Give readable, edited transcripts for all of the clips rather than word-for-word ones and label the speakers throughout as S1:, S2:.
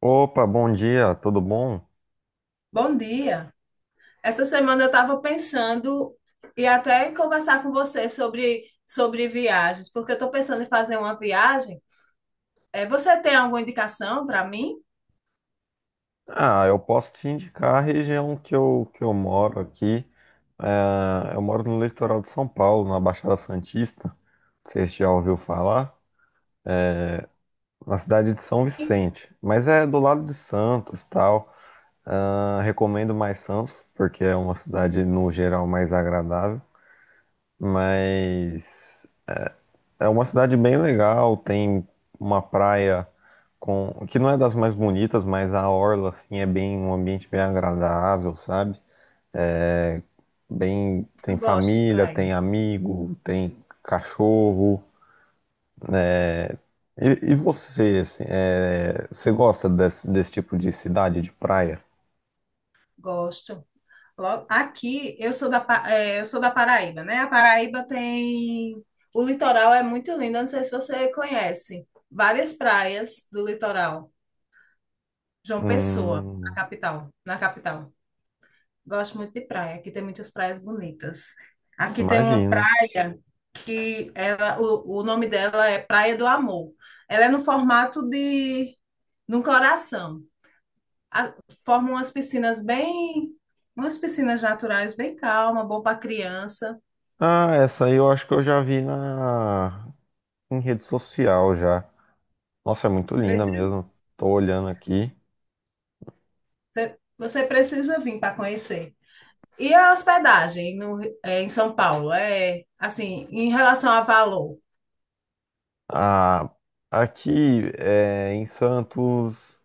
S1: Opa, bom dia, tudo bom?
S2: Bom dia. Essa semana eu estava pensando e até conversar com você sobre viagens, porque eu estou pensando em fazer uma viagem. Você tem alguma indicação para mim?
S1: Ah, eu posso te indicar a região que eu moro aqui. É, eu moro no litoral de São Paulo, na Baixada Santista. Você já ouviu falar. Na cidade de São Vicente. Mas é do lado de Santos, tal. Ah, recomendo mais Santos, porque é uma cidade, no geral, mais agradável. Mas é uma cidade bem legal, tem uma praia com que não é das mais bonitas, mas a orla assim é bem um ambiente bem agradável, sabe? É, bem, tem
S2: Eu gosto de
S1: família,
S2: praia.
S1: tem amigo, tem cachorro. E você, assim, é, você gosta desse tipo de cidade, de praia?
S2: Gosto. Logo, aqui eu sou da Paraíba, né? A Paraíba tem. O litoral é muito lindo. Eu não sei se você conhece. Várias praias do litoral. João Pessoa, na
S1: Hum,
S2: capital. Gosto muito de praia. Aqui tem muitas praias bonitas. Aqui tem uma
S1: imagino.
S2: praia que o nome dela é Praia do Amor. Ela é no formato de um coração. A- Forma umas umas piscinas naturais bem calma, bom para criança.
S1: Ah, essa aí eu acho que eu já vi na em rede social já. Nossa, é muito linda
S2: Precisa,
S1: mesmo. Tô olhando aqui.
S2: Você precisa vir para conhecer. E a hospedagem no, eh, em São Paulo é assim, em relação a valor.
S1: Ah, aqui é, em Santos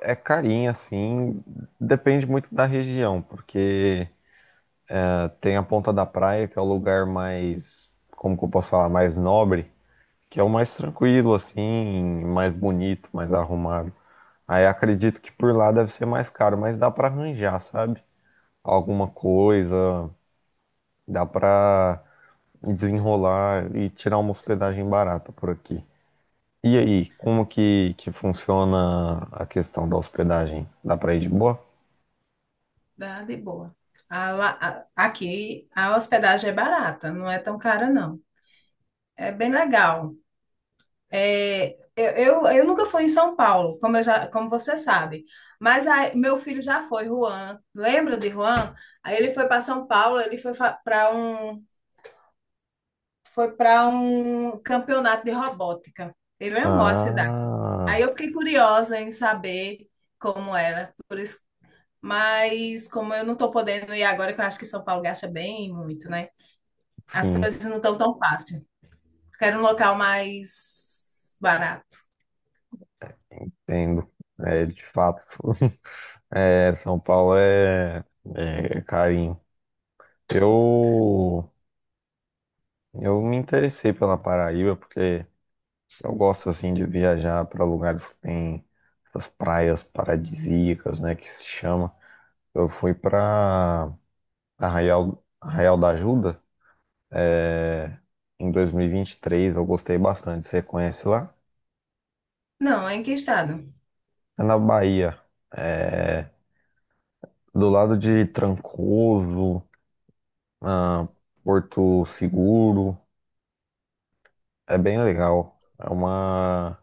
S1: é carinho, assim, depende muito da região, porque tem a Ponta da Praia, que é o lugar mais, como que eu posso falar, mais nobre, que é o mais tranquilo, assim, mais bonito, mais arrumado. Aí acredito que por lá deve ser mais caro, mas dá pra arranjar, sabe? Alguma coisa, dá pra desenrolar e tirar uma hospedagem barata por aqui. E aí, como que funciona a questão da hospedagem? Dá pra ir de boa?
S2: Dá de boa. Aqui a hospedagem é barata, não é tão cara, não. É bem legal. É, eu nunca fui em São Paulo, como você sabe. Mas aí, meu filho já foi, Juan. Lembra de Juan? Aí ele foi para São Paulo, ele foi para um, para um campeonato de robótica. Ele amou a cidade. Aí eu
S1: Ah,
S2: fiquei curiosa em saber como era. Por isso, mas como eu não estou podendo ir agora, que eu acho que São Paulo gasta bem muito, né? As
S1: sim,
S2: coisas não estão tão fácil. Quero um local mais barato.
S1: entendo. É, de fato, é, São Paulo é, é carinho. Eu, eu me interessei pela Paraíba porque eu gosto assim de viajar para lugares que tem essas praias paradisíacas, né, que se chama. Eu fui para Arraial, Arraial da Ajuda, em dois mil e vinte e três. Eu gostei bastante. Você conhece lá?
S2: Não, é em que estado?
S1: É na Bahia. É do lado de Trancoso, ah, Porto Seguro. É bem legal. É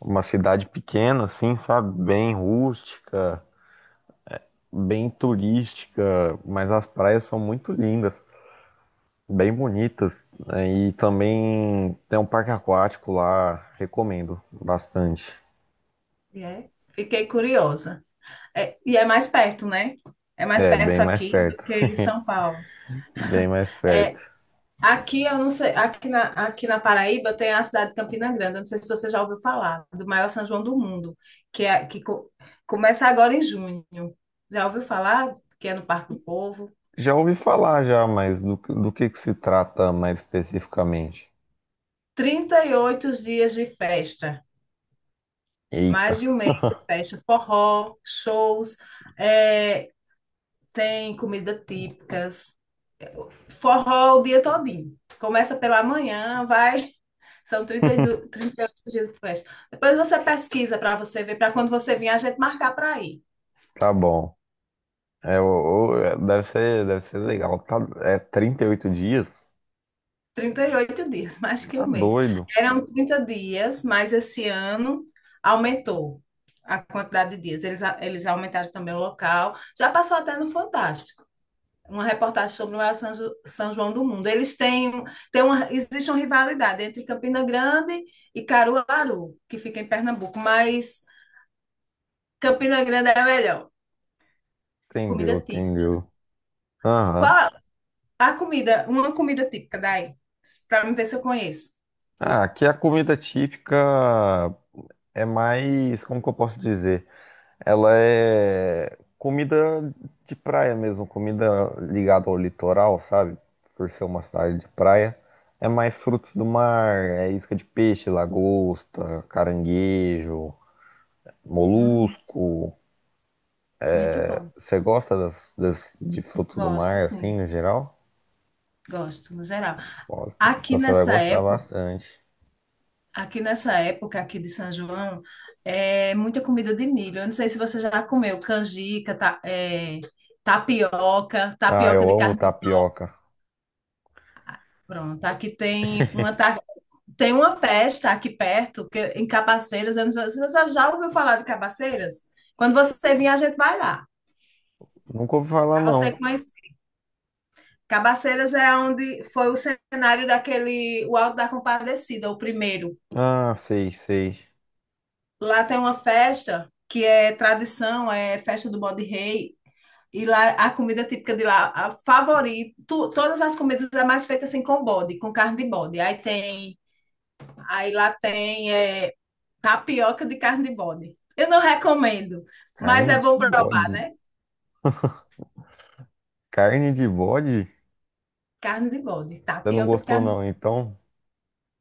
S1: uma cidade pequena, assim, sabe? Bem rústica, bem turística, mas as praias são muito lindas, bem bonitas, né? E também tem um parque aquático lá, recomendo bastante.
S2: E é. Fiquei curiosa. É, e é mais perto, né? É mais
S1: É, bem
S2: perto
S1: mais
S2: aqui
S1: perto.
S2: do que em São Paulo.
S1: Bem mais perto.
S2: É, aqui eu não sei, aqui na Paraíba tem a cidade de Campina Grande. Eu não sei se você já ouviu falar do maior São João do mundo, que é que co- começa agora em junho. Já ouviu falar que é no Parque do Povo?
S1: Já ouvi falar já, mas do que se trata mais especificamente?
S2: 38 dias de festa.
S1: Eita,
S2: Mais de um mês de festa, forró, shows, é, tem comida típicas, forró o dia todinho. Começa pela manhã, vai, são 38 dias de festa. Depois você pesquisa para você ver, para quando você vir, a gente marcar para ir.
S1: tá bom. É, é, deve ser legal. Tá, é 38 dias?
S2: 38 dias, mais que um
S1: Tá
S2: mês.
S1: doido.
S2: Eram 30 dias, mas esse ano aumentou a quantidade de dias. Eles aumentaram também o local. Já passou até no Fantástico, uma reportagem sobre o maior São João do mundo. Eles têm existe uma rivalidade entre Campina Grande e Caruaru, que fica em Pernambuco, mas Campina Grande é a melhor.
S1: Entendeu,
S2: Comida típica.
S1: entendeu. Aham.
S2: Qual uma comida típica daí? Para me ver se eu conheço.
S1: Ah, aqui a comida típica é mais, como que eu posso dizer? Ela é comida de praia mesmo, comida ligada ao litoral, sabe? Por ser uma cidade de praia. É mais frutos do mar, é isca de peixe, lagosta, caranguejo,
S2: Hum,
S1: molusco.
S2: muito bom.
S1: Você gosta de frutos do
S2: Gosto,
S1: mar, assim,
S2: sim.
S1: no geral?
S2: Gosto, no geral.
S1: Gosta.
S2: Aqui
S1: Então você vai
S2: nessa
S1: gostar
S2: época
S1: bastante.
S2: Aqui nessa época aqui de São João, é muita comida de milho. Eu não sei se você já comeu canjica, tapioca,
S1: Ah,
S2: tapioca
S1: eu
S2: de
S1: amo
S2: carne de sol.
S1: tapioca.
S2: Pronto, aqui tem tem uma festa aqui perto, que, é em Cabaceiras. Eu não sei se você já ouviu falar de Cabaceiras? Quando você vir, a gente vai lá,
S1: Nunca ouvi falar,
S2: para você
S1: não.
S2: conhecer. Cabaceiras é onde foi o cenário daquele, o Alto da Compadecida, o primeiro.
S1: Ah, sei, sei.
S2: Lá tem uma festa que é tradição, é festa do Bode Rei. E lá, a comida típica de lá, a favorita, todas as comidas é mais feita assim com bode, com carne de bode. Aí tem, aí lá tem é, tapioca de carne de bode. Eu não recomendo, mas é
S1: Carne de
S2: bom provar,
S1: bode.
S2: né?
S1: Carne de bode?
S2: Carne de bode,
S1: Você não
S2: tapioca de
S1: gostou,
S2: carne de
S1: não,
S2: bode.
S1: então?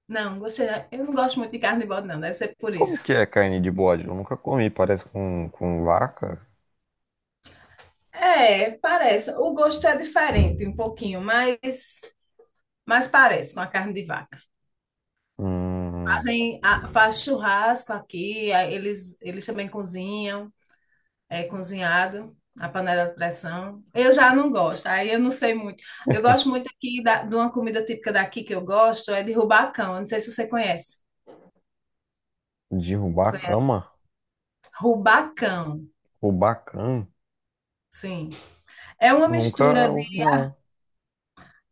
S2: Não, gostei, não. Eu não gosto muito de carne de bode, não, deve ser por
S1: Como
S2: isso.
S1: que é carne de bode? Eu nunca comi, parece com vaca.
S2: É, parece. O gosto é diferente um pouquinho, mas parece com a carne de vaca.
S1: Hum,
S2: Faz churrasco aqui, aí eles também cozinham. É, cozinhado na panela de pressão. Eu já não gosto, aí eu não sei muito. Eu gosto muito aqui de uma comida típica daqui que eu gosto, é de rubacão. Eu não sei se você conhece.
S1: derrubar a
S2: Conhece?
S1: cama?
S2: Rubacão,
S1: Rubacan?
S2: sim. É uma
S1: Nunca
S2: mistura de,
S1: ouvi, não.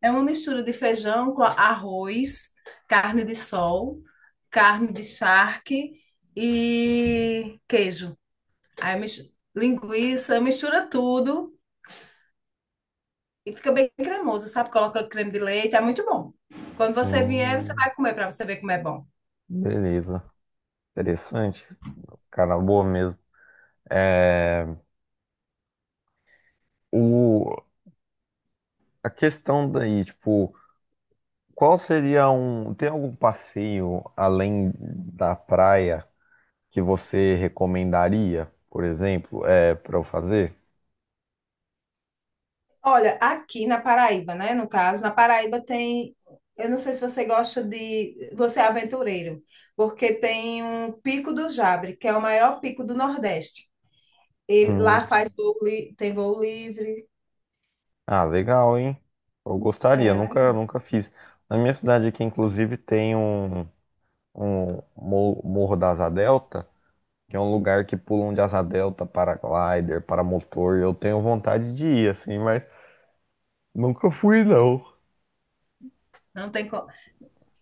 S2: é uma mistura de feijão com arroz, carne de sol, carne de charque e queijo. Aí linguiça, mistura tudo. E fica bem cremoso, sabe? Coloca creme de leite, é muito bom. Quando você vier, você
S1: Hum,
S2: vai comer para você ver como é bom.
S1: beleza. Interessante. Cara, boa mesmo. É, o, a questão daí, tipo, qual seria um. Tem algum passeio além da praia que você recomendaria, por exemplo, é, para eu fazer?
S2: Olha, aqui na Paraíba, né? No caso, na Paraíba tem. Eu não sei se você gosta de. Você é aventureiro, porque tem um Pico do Jabre, que é o maior pico do Nordeste. Ele,
S1: Hum,
S2: lá faz voo, li- Tem voo livre.
S1: Ah, legal, hein? Eu gostaria,
S2: É,
S1: nunca,
S2: legal.
S1: nunca fiz. Na minha cidade aqui, inclusive, tem um Morro da Asa Delta, que é um lugar que pulam de asa delta, paraglider, paramotor. Eu tenho vontade de ir, assim, mas nunca fui, não.
S2: Não tem, co-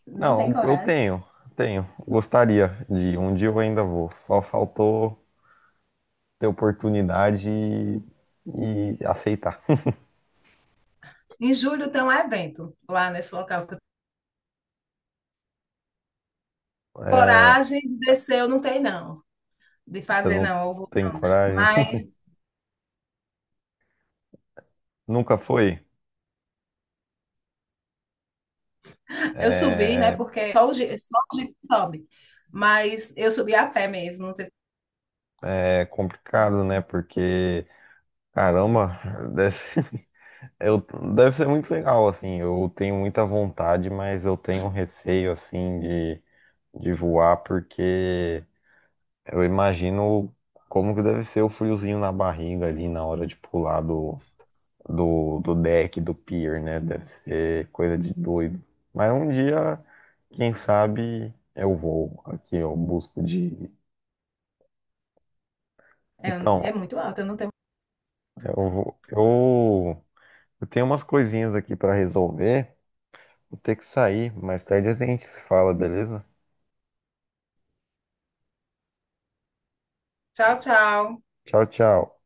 S2: não tem
S1: Não, eu
S2: coragem.
S1: tenho, tenho. Gostaria de ir. Um dia eu ainda vou. Só faltou ter oportunidade e aceitar.
S2: Em julho tem um evento lá nesse local.
S1: É,
S2: Coragem de descer eu não tenho, não. De
S1: você
S2: fazer,
S1: não
S2: não.
S1: tem coragem?
S2: Mas
S1: Nunca foi?
S2: eu subi, né?
S1: É.
S2: Porque só o Jeep sobe. Mas eu subi a pé mesmo. Não teve-
S1: É complicado, né? Porque, caramba, deve, eu, deve ser muito legal, assim. Eu tenho muita vontade, mas eu tenho um receio, assim, de voar, porque eu imagino como que deve ser o friozinho na barriga ali na hora de pular do, deck, do pier, né? Deve ser coisa de doido. Mas um dia, quem sabe, eu vou. Aqui, eu busco de.
S2: É,
S1: Então,
S2: é muito alto, eu não tenho.
S1: eu vou. Eu. Eu tenho umas coisinhas aqui pra resolver. Vou ter que sair. Mais tarde a gente se fala, beleza?
S2: Tchau, tchau.
S1: Tchau, tchau.